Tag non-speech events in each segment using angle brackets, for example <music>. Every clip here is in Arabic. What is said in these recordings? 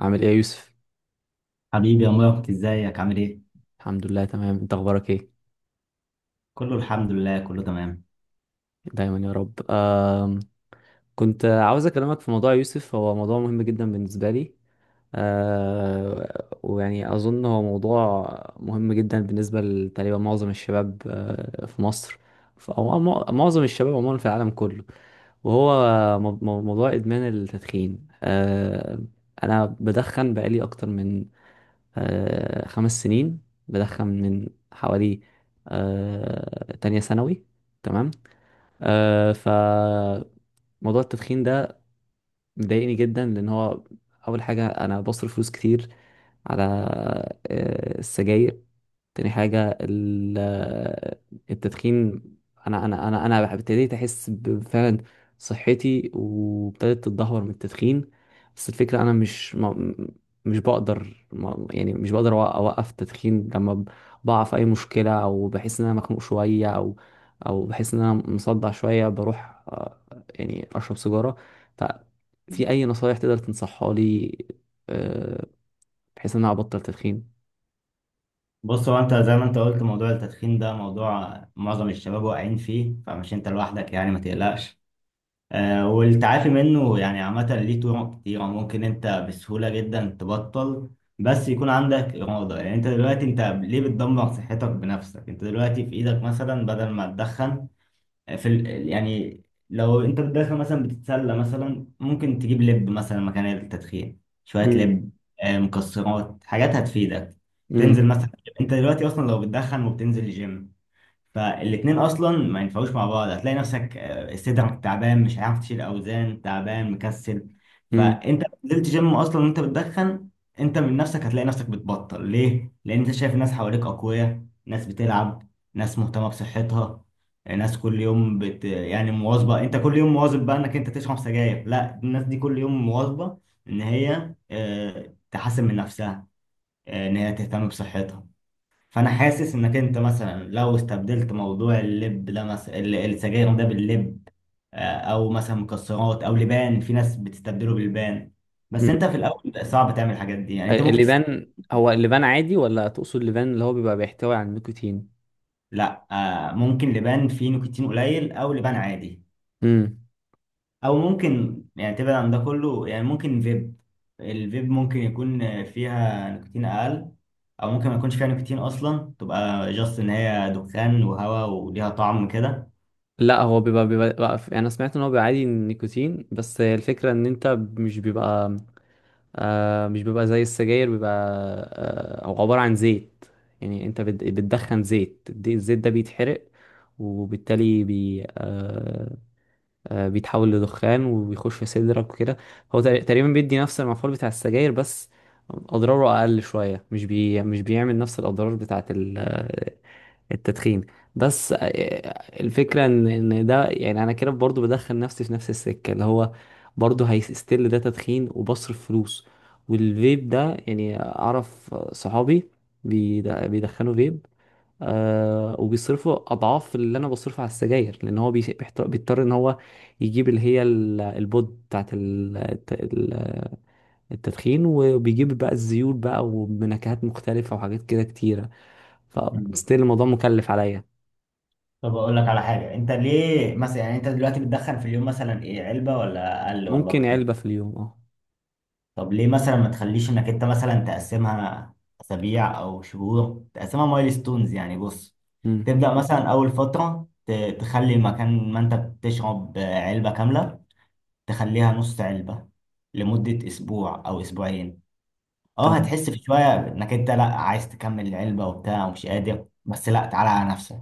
عامل ايه يا يوسف؟ حبيبي يا مبارك ازيك عامل ايه؟ الحمد لله، تمام. انت اخبارك ايه؟ كله الحمد لله كله تمام. دايما يا رب. كنت عاوز اكلمك في موضوع يا يوسف، هو موضوع مهم جدا بالنسبه لي. ويعني اظن هو موضوع مهم جدا بالنسبه لتقريبا معظم الشباب، في مصر. معظم الشباب عموما في العالم كله. وهو موضوع ادمان التدخين. انا بدخن بقالي اكتر من 5 سنين. بدخن من حوالي تانية ثانوي. تمام. فموضوع التدخين ده مضايقني جدا، لأن هو أول حاجة أنا بصرف فلوس كتير على السجاير. تاني حاجة التدخين، أنا ابتديت أحس فعلا صحتي وابتدت تتدهور من التدخين. بس الفكرة، أنا مش بقدر، ما يعني مش بقدر أوقف التدخين لما بقع في أي مشكلة، أو بحس إن أنا مخنوق شوية، أو بحس إن أنا مصدع شوية بروح، يعني أشرب سيجارة. ففي أي نصايح تقدر تنصحها لي، آه، بحيث إن أنا أبطل تدخين؟ بص هو انت زي ما انت قلت موضوع التدخين ده موضوع معظم الشباب واقعين فيه، فمش انت لوحدك يعني، ما تقلقش. آه، والتعافي منه يعني عامة ليه طرق كتيرة، ممكن انت بسهولة جدا تبطل، بس يكون عندك إرادة. يعني انت دلوقتي انت ليه بتدمر صحتك بنفسك؟ انت دلوقتي في ايدك مثلا بدل ما تدخن، يعني لو انت داخل مثلا بتتسلى مثلا، ممكن تجيب لب مثلا مكان التدخين، شوية مم. لب، مكسرات، حاجات هتفيدك. مم. تنزل مثلا، انت دلوقتي اصلا لو بتدخن وبتنزل الجيم، فالاتنين اصلا ما ينفعوش مع بعض. هتلاقي نفسك صدرك تعبان، مش هتعرف تشيل اوزان، تعبان مكسل. فانت لو نزلت جيم اصلا وانت بتدخن، انت من نفسك هتلاقي نفسك بتبطل. ليه؟ لان انت شايف الناس حواليك اقوياء، ناس بتلعب، ناس مهتمه بصحتها، ناس كل يوم يعني مواظبه. انت كل يوم مواظب بقى انك انت تشرب سجاير؟ لا، الناس دي كل يوم مواظبه ان هي تحسن من نفسها، ان هي تهتم بصحتها. فانا حاسس انك انت مثلا لو استبدلت موضوع اللب ده مثلا، السجاير ده باللب، او مثلا مكسرات او لبان، في ناس بتستبدله باللبان. بس مم. انت في الاول صعب تعمل الحاجات دي، يعني انت ممكن اللبان، هو اللبان عادي، ولا تقصد اللبان اللي هو بيبقى بيحتوي على النيكوتين؟ لا، ممكن لبان فيه نيكوتين قليل او لبان عادي، امم. او ممكن يعني تبعد عن ده كله، يعني ممكن فيب. الفيب ممكن يكون فيها نيكوتين اقل، او ممكن ما يكونش فيها نيكوتين اصلا، تبقى جاست ان هي دخان وهواء وليها طعم كده. لا، هو انا سمعت ان هو بيبقى عادي النيكوتين، بس الفكرة ان انت مش بيبقى. مش بيبقى زي السجاير، بيبقى هو عبارة عن زيت. يعني انت بتدخن زيت، الزيت ده بيتحرق، وبالتالي بي آه بيتحول لدخان وبيخش في صدرك وكده. هو تقريبا بيدي نفس المفعول بتاع السجاير، بس اضراره اقل شويه. مش بيعمل نفس الاضرار بتاعه التدخين. بس، الفكره ان ده يعني انا كده برضو بدخل نفسي في نفس السكه، اللي هو برضو هيستيل ده تدخين وبصرف فلوس. والفيب ده، يعني اعرف صحابي بيدخنوا فيب، وبيصرفوا اضعاف اللي انا بصرفه على السجاير. لان هو بيضطر ان هو يجيب اللي هي البود بتاعت التدخين، وبيجيب بقى الزيوت بقى وبنكهات مختلفة وحاجات كده كتيرة. فستيل الموضوع مكلف عليا. طب اقول لك على حاجه، انت ليه مثلا، يعني انت دلوقتي بتدخل في اليوم مثلا ايه، علبه ولا اقل ولا ممكن اكتر؟ علبة في اليوم، اه. طب ليه مثلا ما تخليش انك انت مثلا تقسمها اسابيع او شهور، تقسمها مايلستونز يعني. بص، امم. تبدا مثلا اول فتره تخلي مكان ما انت بتشرب علبه كامله، تخليها نص علبه لمده اسبوع او اسبوعين. اه تمام. هتحس في شويه انك انت لا عايز تكمل العلبه وبتاع ومش قادر، بس لا، تعالى على نفسك.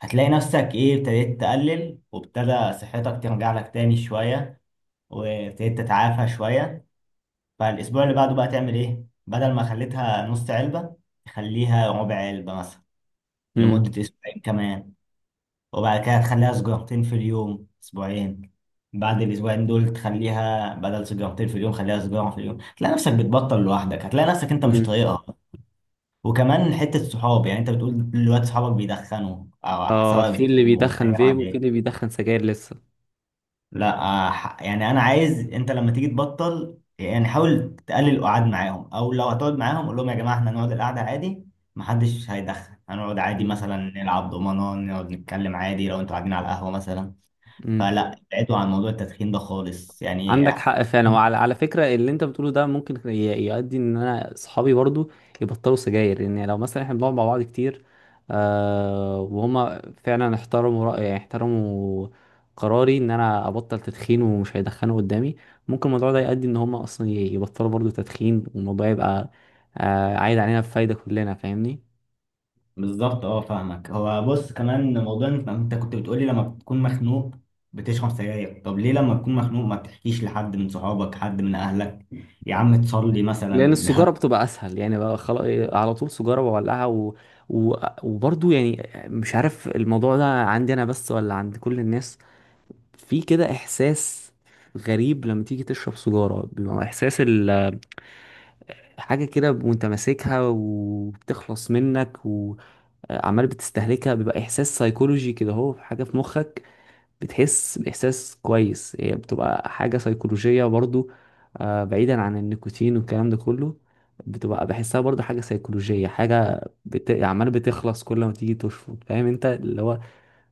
هتلاقي نفسك ايه، ابتديت تقلل، وابتدى صحتك ترجع لك تاني شوية، وابتديت تتعافى شوية. فالأسبوع اللي بعده بقى تعمل ايه؟ بدل ما خليتها نص علبة، تخليها ربع علبة مثلا امم. لمدة أسبوعين كمان. وبعد كده تخليها سجارتين في اليوم أسبوعين. بعد الأسبوعين دول تخليها بدل سجارتين في اليوم، خليها سجارة في اليوم. هتلاقي نفسك بتبطل لوحدك، هتلاقي نفسك أنت مش امم. طايقها. وكمان حتة صحاب، يعني أنت بتقول دلوقتي صحابك بيدخنوا أو اه، سواء، في اللي أو بيدخن تغيير فيب وفي عادية. اللي بيدخن سجاير لسه. لا يعني انا عايز انت لما تيجي تبطل يعني حاول تقلل القعاد معاهم، او لو هتقعد معاهم قول لهم يا جماعه احنا هنقعد القعده عادي، محدش هيدخل، هنقعد عادي، مثلا نلعب دومنه، نقعد نتكلم عادي لو انتوا قاعدين على القهوه مثلا. امم. فلا، ابعدوا عن موضوع التدخين ده خالص يعني. عندك حق فعلا. وعلى فكره، اللي انت بتقوله ده ممكن يؤدي ان انا اصحابي برضو يبطلوا سجاير. لان يعني لو مثلا احنا بنقعد مع بعض كتير وهما فعلا احترموا رأيي، احترموا قراري ان انا ابطل تدخين، ومش هيدخنوا قدامي، ممكن الموضوع ده يؤدي ان هما اصلا يبطلوا برضو تدخين، والموضوع يبقى عايد علينا بفايده كلنا، فاهمني. بالظبط، اه فاهمك. هو بص، كمان موضوع إن انت كنت بتقولي لما بتكون مخنوق بتشرب سجاير، طب ليه لما تكون مخنوق ما بتحكيش لحد من صحابك، حد من اهلك، يا عم تصلي لان مثلا؟ <laughs> السجاره بتبقى اسهل. يعني بقى خلاص على طول سجاره بولعها و... وبرضو يعني مش عارف الموضوع ده عندي انا بس ولا عند كل الناس. في كده احساس غريب لما تيجي تشرب سجاره، بيبقى احساس حاجه كده، وانت ماسكها وبتخلص منك وعمال بتستهلكها، بيبقى احساس سيكولوجي كده، هو حاجه في مخك. بتحس بإحساس كويس. هي بتبقى حاجة سيكولوجية برضو، بعيدا عن النيكوتين والكلام ده كله. بتبقى بحسها برضو حاجة سيكولوجية، حاجة عمال بتخلص كل ما تيجي تشفط، فاهم انت اللي هو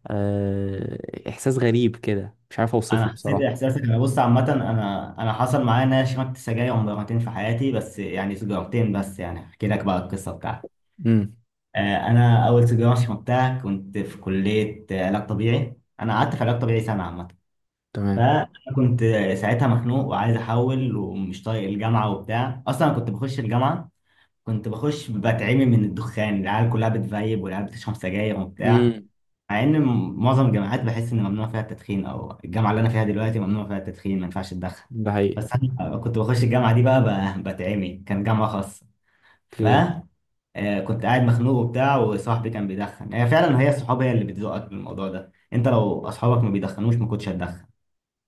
إحساس غريب كده، مش عارف انا أوصفه حسيت بصراحة. احساس ان، بص عامه انا حصل معايا ان انا شربت سجاير مرتين في حياتي بس، يعني سجارتين بس. يعني احكي لك بقى القصه بتاعتي. امم. آه، انا اول سيجاره شربتها كنت في كليه علاج طبيعي، انا قعدت في علاج طبيعي سنه عامه. تمام. فانا كنت ساعتها مخنوق وعايز احول ومش طايق الجامعه وبتاع. اصلا أنا كنت بخش الجامعه، كنت بخش بتعمي من الدخان، العيال كلها بتفيب، والعيال بتشرب سجاير وبتاع. امم. مع ان معظم الجامعات بحس ان ممنوع فيها التدخين، او الجامعه اللي انا فيها دلوقتي ممنوع فيها التدخين، ما ينفعش تدخن. ده حقيقي. بس انا كنت بخش الجامعه دي بقى، بتعمي، كان جامعه خاصه. ف اوكي. كنت قاعد مخنوق وبتاع، وصاحبي كان بيدخن. هي فعلا هي الصحاب هي اللي بتزقك بالموضوع ده، انت لو اصحابك ما بيدخنوش ما كنتش هتدخن.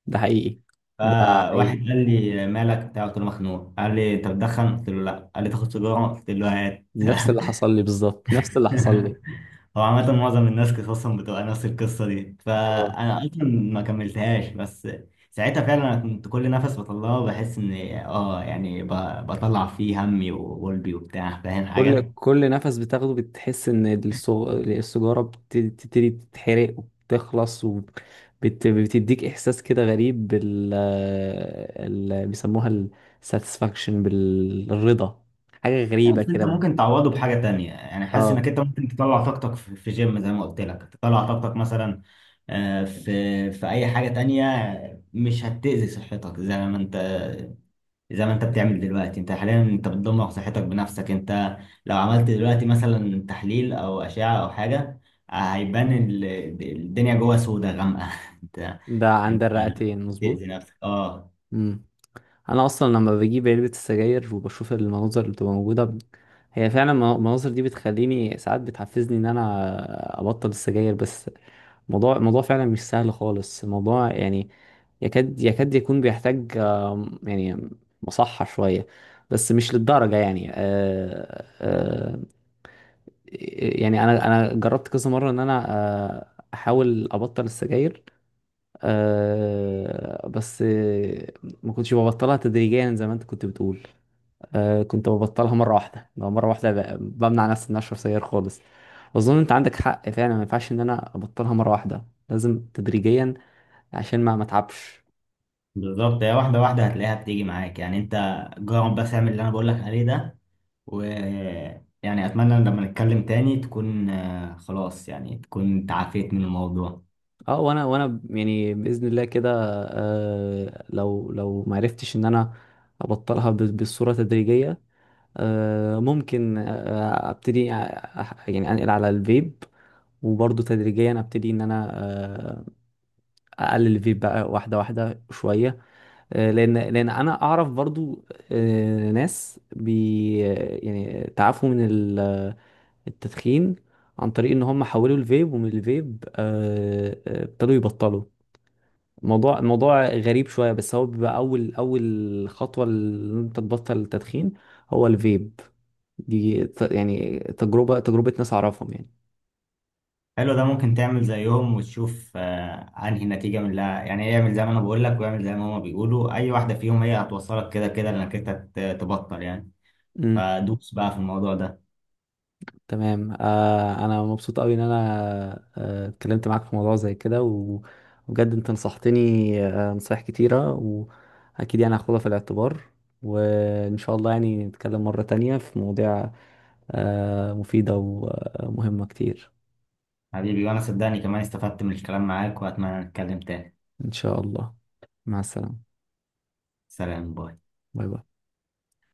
ده حقيقي. ده فواحد حقيقي، قال لي مالك بتاع قلت له مخنوق، قال لي انت بتدخن، قلت له لا، قال لي تاخد سيجاره، قلت له هات. نفس اللي <laughs> حصل لي بالظبط، نفس اللي حصل لي. هو عامة معظم الناس قصصهم بتبقى نفس القصة دي. آه. فأنا اه أصلا ما كملتهاش، بس ساعتها فعلا أنا كنت كل نفس بطلعه بحس إن يعني بطلع فيه همي وقلبي وبتاع. فاهم كل حاجة؟ كل نفس بتاخده بتحس ان السجارة بتبتدي تتحرق وبتخلص وبتديك احساس كده غريب، بيسموها الساتسفاكشن، بالرضا. حاجة لا، غريبة بس أنت كده. ممكن تعوضه بحاجة تانية، يعني حاسس اه، إنك أنت ممكن تطلع طاقتك في جيم زي ما قلت لك، تطلع طاقتك مثلا في في أي حاجة تانية مش هتأذي صحتك زي ما أنت، زي ما انت بتعمل دلوقتي. انت حاليا انت بتدمر صحتك بنفسك. انت لو عملت دلوقتي مثلا تحليل او اشعة او حاجة، هيبان الدنيا جوه سودة غامقة. <laughs> انت، ده عند انت الرئتين بتأذي مظبوط. نفسك اه. مم. انا اصلا لما بجيب علبة السجاير وبشوف المناظر اللي بتبقى موجودة هي فعلا المناظر دي بتخليني ساعات، بتحفزني ان انا ابطل السجاير. بس موضوع فعلا مش سهل خالص. موضوع يعني يكاد يكون بيحتاج يعني مصحة شوية. بس مش للدرجة. يعني آه، آه، يعني أنا جربت كذا مرة إن أنا آه، أحاول أبطل السجاير. بس ما كنتش ببطلها تدريجيا زي ما أنت كنت بتقول. كنت ببطلها مرة واحدة، لو مرة واحدة بمنع نفسي إن أنا أشرب سجاير خالص. أظن أنت عندك حق فعلا، ما ينفعش إن أنا أبطلها مرة واحدة، لازم تدريجيا عشان ما اتعبش. بالظبط، هي واحدة واحدة هتلاقيها بتيجي معاك. يعني انت جرب بس اعمل اللي انا بقولك عليه ده، و يعني اتمنى ان لما نتكلم تاني تكون خلاص يعني تكون تعافيت من الموضوع. اه، وانا يعني باذن الله كده. لو ما عرفتش ان انا ابطلها بالصوره تدريجيه، ممكن ابتدي يعني انقل على الفيب. وبرضه تدريجيا ابتدي ان انا آه اقلل الفيب بقى واحده واحده شويه. لان انا اعرف برضو ناس يعني تعافوا من التدخين عن طريق ان هم حولوا الفيب، ومن الفيب ابتدوا يبطلوا. الموضوع غريب شوية، بس هو بيبقى اول خطوة ان انت تبطل التدخين هو الفيب. دي يعني تجربة ناس اعرفهم حلو، ده ممكن تعمل زيهم وتشوف انهي نتيجة، من لا يعني ايه، يعمل زي ما انا بقول لك ويعمل زي ما هما بيقولوا، اي واحدة فيهم هي هتوصلك كده كده انك انت تبطل يعني. يعني. فدوس بقى في الموضوع ده. تمام، انا مبسوط قوي ان انا اتكلمت معاك في موضوع زي كده، وبجد انت نصحتني نصايح كتيرة، واكيد يعني هاخدها في الاعتبار. وان شاء الله يعني نتكلم مرة تانية في مواضيع مفيدة ومهمة كتير. حبيبي، وانا صدقني كمان استفدت من الكلام معاك، واتمنى نتكلم تاني. ان شاء الله. مع السلامة. سلام، باي. باي باي.